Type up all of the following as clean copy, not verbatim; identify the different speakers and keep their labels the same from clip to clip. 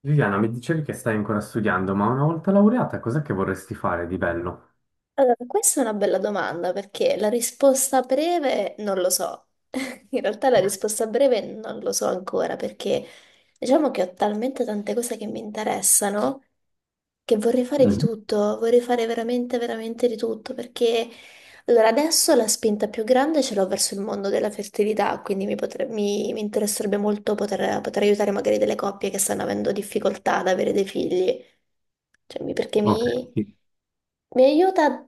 Speaker 1: Viviana, mi dicevi che stai ancora studiando, ma una volta laureata, cos'è che vorresti fare di bello?
Speaker 2: Allora, questa è una bella domanda perché la risposta breve non lo so. In realtà la risposta breve non lo so ancora perché diciamo che ho talmente tante cose che mi interessano che vorrei fare di
Speaker 1: Mm,
Speaker 2: tutto, vorrei fare veramente, veramente di tutto perché allora adesso la spinta più grande ce l'ho verso il mondo della fertilità, quindi mi interesserebbe molto poter aiutare magari delle coppie che stanno avendo difficoltà ad avere dei figli. Cioè, mi- perché
Speaker 1: ok,
Speaker 2: mi,
Speaker 1: sì.
Speaker 2: mi aiuta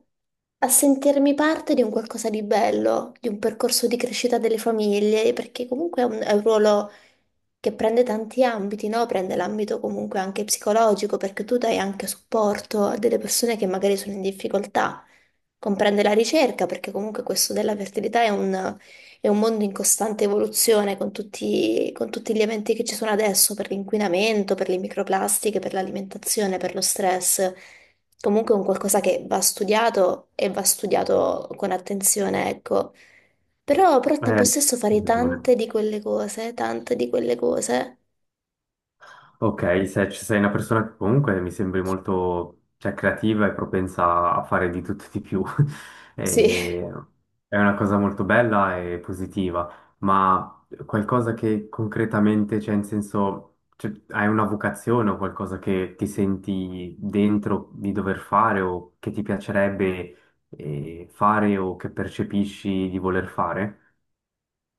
Speaker 2: a sentirmi parte di un qualcosa di bello, di un percorso di crescita delle famiglie, perché comunque è un ruolo che prende tanti ambiti, no? Prende l'ambito comunque anche psicologico, perché tu dai anche supporto a delle persone che magari sono in difficoltà. Comprende la ricerca, perché comunque questo della fertilità è un mondo in costante evoluzione con tutti gli eventi che ci sono adesso, per l'inquinamento, per le microplastiche, per l'alimentazione, per lo stress comunque è un qualcosa che va studiato e va studiato con attenzione, ecco. Però, al tempo
Speaker 1: Eh,
Speaker 2: stesso fare tante di quelle cose, tante di quelle cose.
Speaker 1: Ok, se ci sei una persona che comunque mi sembri molto, cioè, creativa e propensa a fare di tutto e di più,
Speaker 2: Sì,
Speaker 1: E- è una cosa molto bella e positiva, ma qualcosa che concretamente, cioè in senso, cioè, hai una vocazione o qualcosa che ti senti dentro di dover fare o che ti piacerebbe fare o che percepisci di voler fare?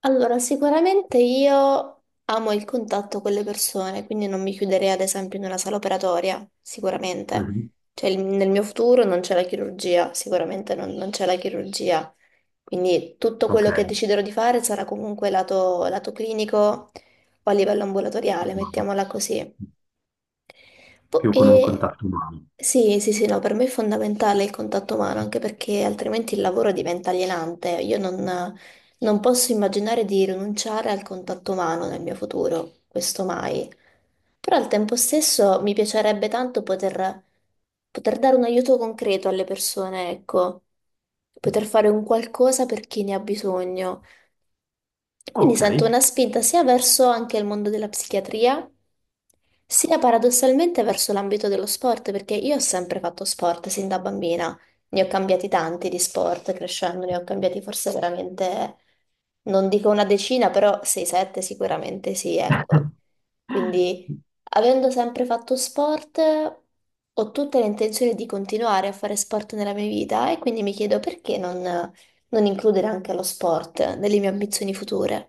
Speaker 2: Allora, sicuramente io amo il contatto con le persone, quindi non mi chiuderei ad esempio in una sala operatoria, sicuramente.
Speaker 1: Mhm.
Speaker 2: Cioè, nel mio futuro non c'è la chirurgia, sicuramente non c'è la chirurgia. Quindi tutto
Speaker 1: Ok,
Speaker 2: quello che deciderò di fare sarà comunque lato clinico o a livello ambulatoriale, mettiamola così. Po-
Speaker 1: più con un
Speaker 2: E...
Speaker 1: contatto umano.
Speaker 2: Sì, sì, sì, no, per me è fondamentale il contatto umano, anche perché altrimenti il lavoro diventa alienante. Io non posso immaginare di rinunciare al contatto umano nel mio futuro, questo mai. Però al tempo stesso mi piacerebbe tanto poter dare un aiuto concreto alle persone, ecco, poter fare un qualcosa per chi ne ha bisogno. Quindi
Speaker 1: Ok.
Speaker 2: sento una spinta sia verso anche il mondo della psichiatria, sia paradossalmente verso l'ambito dello sport, perché io ho sempre fatto sport sin da bambina. Ne ho cambiati tanti di sport, crescendo ne ho cambiati forse veramente, non dico una decina, però 6-7 sicuramente sì, ecco. Quindi, avendo sempre fatto sport, ho tutte le intenzioni di continuare a fare sport nella mia vita e quindi mi chiedo perché non includere anche lo sport nelle mie ambizioni future.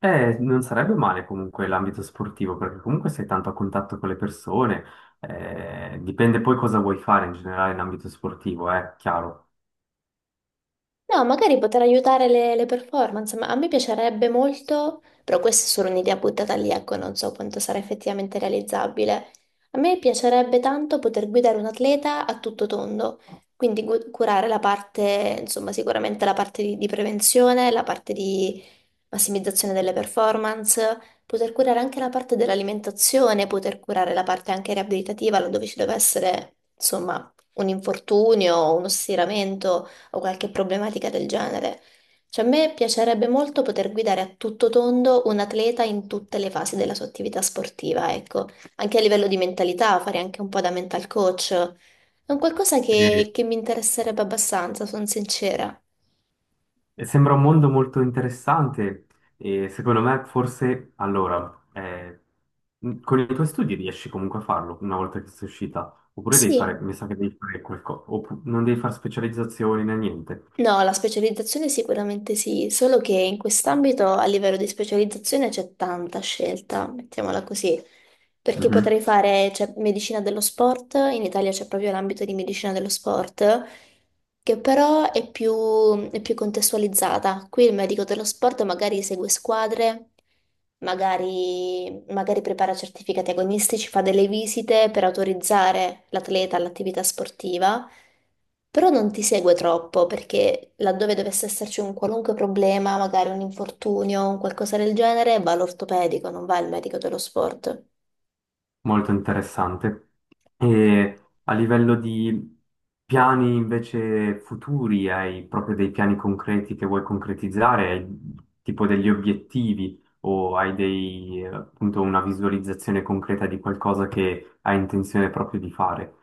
Speaker 1: Non sarebbe male comunque l'ambito sportivo, perché comunque sei tanto a contatto con le persone, dipende poi cosa vuoi fare in generale in ambito sportivo, è chiaro.
Speaker 2: No, magari poter aiutare le performance, ma a me piacerebbe molto, però questa è solo un'idea buttata lì, ecco, non so quanto sarà effettivamente realizzabile. A me piacerebbe tanto poter guidare un atleta a tutto tondo, quindi curare la parte, insomma, sicuramente la parte di prevenzione, la parte di massimizzazione delle performance, poter curare anche la parte dell'alimentazione, poter curare la parte anche riabilitativa, laddove ci deve essere, insomma, un infortunio, uno stiramento o qualche problematica del genere. Cioè, a me piacerebbe molto poter guidare a tutto tondo un atleta in tutte le fasi della sua attività sportiva, ecco, anche a livello di mentalità, fare anche un po' da mental coach. È un qualcosa
Speaker 1: E-
Speaker 2: che mi interesserebbe abbastanza, sono sincera.
Speaker 1: e sembra un mondo molto interessante e secondo me forse allora, con i tuoi studi riesci comunque a farlo una volta che sei uscita, oppure devi fare,
Speaker 2: Sì.
Speaker 1: mi sa che devi fare qualcosa, non devi fare specializzazioni né niente.
Speaker 2: No, la specializzazione sicuramente sì, solo che in quest'ambito a livello di specializzazione c'è tanta scelta, mettiamola così, perché potrei fare, c'è medicina dello sport, in Italia c'è proprio l'ambito di medicina dello sport, che però è più contestualizzata. Qui il medico dello sport magari segue squadre, magari prepara certificati agonistici, fa delle visite per autorizzare l'atleta all'attività sportiva, però non ti segue troppo perché laddove dovesse esserci un qualunque problema, magari un infortunio, un qualcosa del genere, va all'ortopedico, non va al medico dello sport.
Speaker 1: Molto interessante. E a livello di piani invece futuri, hai proprio dei piani concreti che vuoi concretizzare? Hai tipo degli obiettivi o hai dei, appunto una visualizzazione concreta di qualcosa che hai intenzione proprio di fare?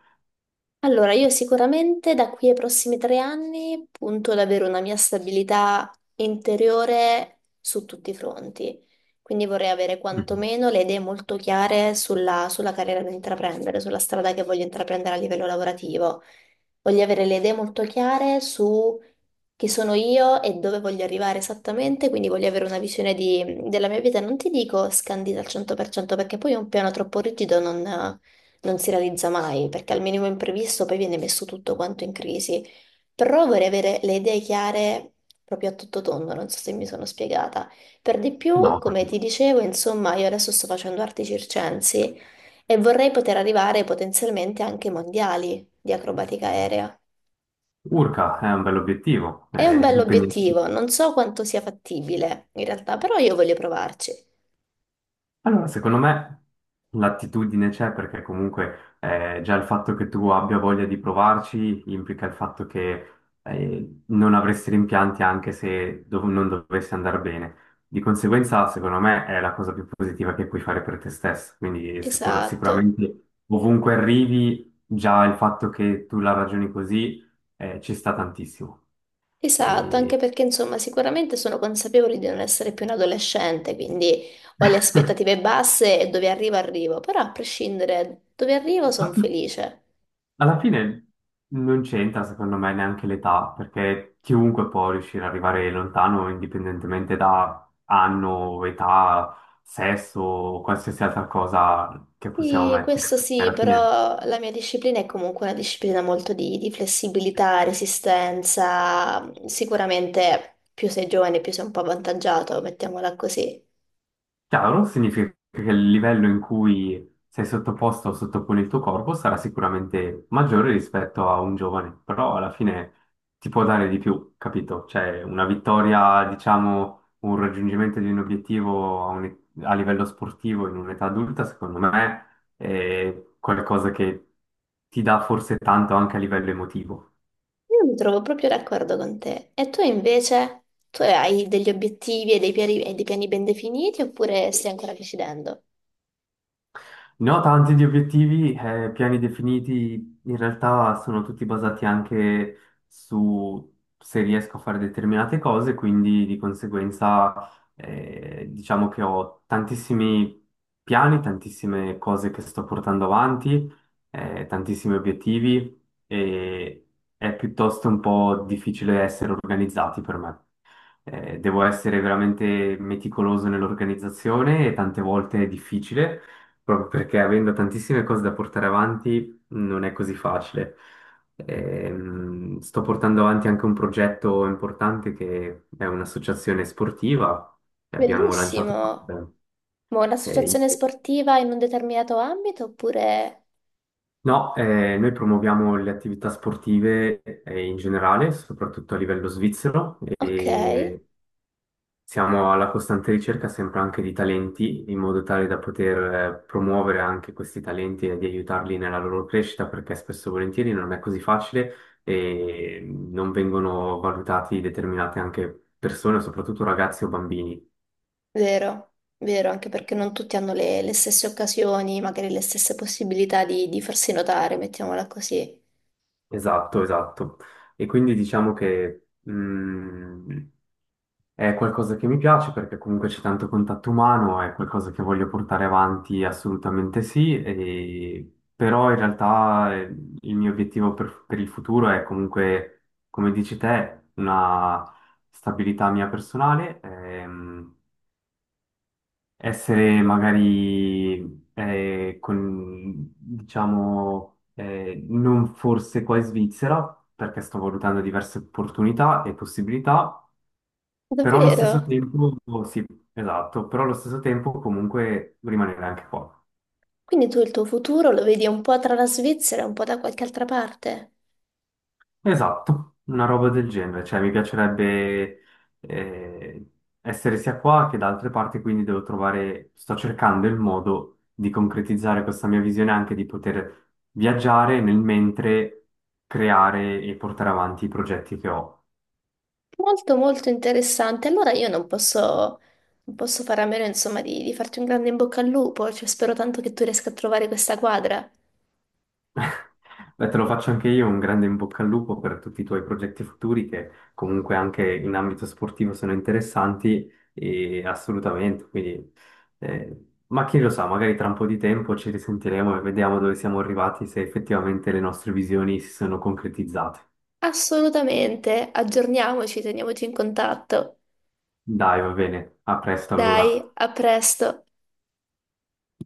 Speaker 2: Allora, io sicuramente da qui ai prossimi 3 anni punto ad avere una mia stabilità interiore su tutti i fronti. Quindi vorrei avere
Speaker 1: Mhm.
Speaker 2: quantomeno le idee molto chiare sulla, sulla carriera da intraprendere, sulla strada che voglio intraprendere a livello lavorativo. Voglio avere le idee molto chiare su chi sono io e dove voglio arrivare esattamente, quindi voglio avere una visione della mia vita, non ti dico scandita al 100% perché poi un piano troppo rigido non si realizza mai, perché al minimo imprevisto poi viene messo tutto quanto in crisi, però vorrei avere le idee chiare proprio a tutto tondo, non so se mi sono spiegata. Per di più,
Speaker 1: No,
Speaker 2: come ti
Speaker 1: capito.
Speaker 2: dicevo, insomma, io adesso sto facendo arti circensi e vorrei poter arrivare potenzialmente anche ai mondiali di acrobatica aerea.
Speaker 1: Urca è un bell'obiettivo,
Speaker 2: È un
Speaker 1: è impegnativo.
Speaker 2: bell'obiettivo, non so quanto sia fattibile in realtà, però io voglio provarci.
Speaker 1: Allora, secondo me l'attitudine c'è perché comunque già il fatto che tu abbia voglia di provarci implica il fatto che non avresti rimpianti anche se non dovesse andare bene. Di conseguenza, secondo me, è la cosa più positiva che puoi fare per te stesso. Quindi
Speaker 2: Esatto,
Speaker 1: sicuramente ovunque arrivi, già il fatto che tu la ragioni così ci sta tantissimo.
Speaker 2: esatto, anche
Speaker 1: E...
Speaker 2: perché insomma sicuramente sono consapevole di non essere più un adolescente, quindi ho le aspettative basse e dove arrivo arrivo, però a prescindere dove arrivo sono felice.
Speaker 1: Alla fine non c'entra secondo me neanche l'età, perché chiunque può riuscire ad arrivare lontano indipendentemente da anno, età, sesso o qualsiasi altra cosa che possiamo
Speaker 2: Sì,
Speaker 1: mettere.
Speaker 2: questo sì,
Speaker 1: Alla fine.
Speaker 2: però la mia disciplina è comunque una disciplina molto di flessibilità, resistenza, sicuramente più sei giovane più sei un po' avvantaggiato, mettiamola così.
Speaker 1: Chiaro, significa che il livello in cui sei sottoposto o sottopone il tuo corpo sarà sicuramente maggiore rispetto a un giovane, però alla fine ti può dare di più, capito? Cioè una vittoria, diciamo, un raggiungimento di un obiettivo a livello sportivo in un'età adulta, secondo me, è qualcosa che ti dà forse tanto anche a livello emotivo.
Speaker 2: Io mi trovo proprio d'accordo con te. E tu invece? Tu hai degli obiettivi e dei piani, ben definiti oppure stai ancora decidendo?
Speaker 1: No, tanti di obiettivi, piani definiti, in realtà sono tutti basati anche su se riesco a fare determinate cose, quindi di conseguenza diciamo che ho tantissimi piani, tantissime cose che sto portando avanti, tantissimi obiettivi e è piuttosto un po' difficile essere organizzati per me. Devo essere veramente meticoloso nell'organizzazione e tante volte è difficile, proprio perché avendo tantissime cose da portare avanti non è così facile. Sto portando avanti anche un progetto importante che è un'associazione sportiva che abbiamo
Speaker 2: Bellissimo!
Speaker 1: lanciato.
Speaker 2: Ma
Speaker 1: eh,
Speaker 2: un'associazione
Speaker 1: in-
Speaker 2: sportiva in un determinato ambito oppure...
Speaker 1: No, noi promuoviamo le attività sportive in generale, soprattutto a livello svizzero.
Speaker 2: Ok,
Speaker 1: E siamo alla costante ricerca sempre anche di talenti, in modo tale da poter promuovere anche questi talenti e di aiutarli nella loro crescita, perché spesso e volentieri non è così facile e non vengono valutati determinate anche persone, soprattutto ragazzi o bambini.
Speaker 2: vero, vero, anche perché non tutti hanno le stesse occasioni, magari le stesse possibilità di farsi notare, mettiamola così.
Speaker 1: Esatto, esatto. E quindi diciamo che è qualcosa che mi piace perché comunque c'è tanto contatto umano, è qualcosa che voglio portare avanti assolutamente sì, però in realtà il mio obiettivo per il futuro è comunque, come dici te, una stabilità mia personale, essere magari con, diciamo, non forse qua in Svizzera, perché sto valutando diverse opportunità e possibilità però allo stesso
Speaker 2: Davvero?
Speaker 1: tempo, sì, esatto, però allo stesso tempo comunque rimanere anche qua.
Speaker 2: Quindi tu il tuo futuro lo vedi un po' tra la Svizzera e un po' da qualche altra parte?
Speaker 1: Esatto, una roba del genere, cioè mi piacerebbe eh, essere sia qua che da altre parti, quindi devo trovare, sto cercando il modo di concretizzare questa mia visione anche di poter viaggiare nel mentre creare e portare avanti i progetti che ho.
Speaker 2: Molto molto interessante. Allora io non posso, non posso fare a meno, insomma, di farti un grande in bocca al lupo. Cioè, spero tanto che tu riesca a trovare questa quadra.
Speaker 1: Beh, te lo faccio anche io, un grande in bocca al lupo per tutti i tuoi progetti futuri che comunque anche in ambito sportivo sono interessanti e assolutamente, quindi ma chi lo sa, magari tra un po' di tempo ci risentiremo e vediamo dove siamo arrivati, se effettivamente le nostre visioni si sono concretizzate.
Speaker 2: Assolutamente, aggiorniamoci, teniamoci in contatto.
Speaker 1: Dai, va bene, a presto
Speaker 2: Dai,
Speaker 1: allora.
Speaker 2: a presto.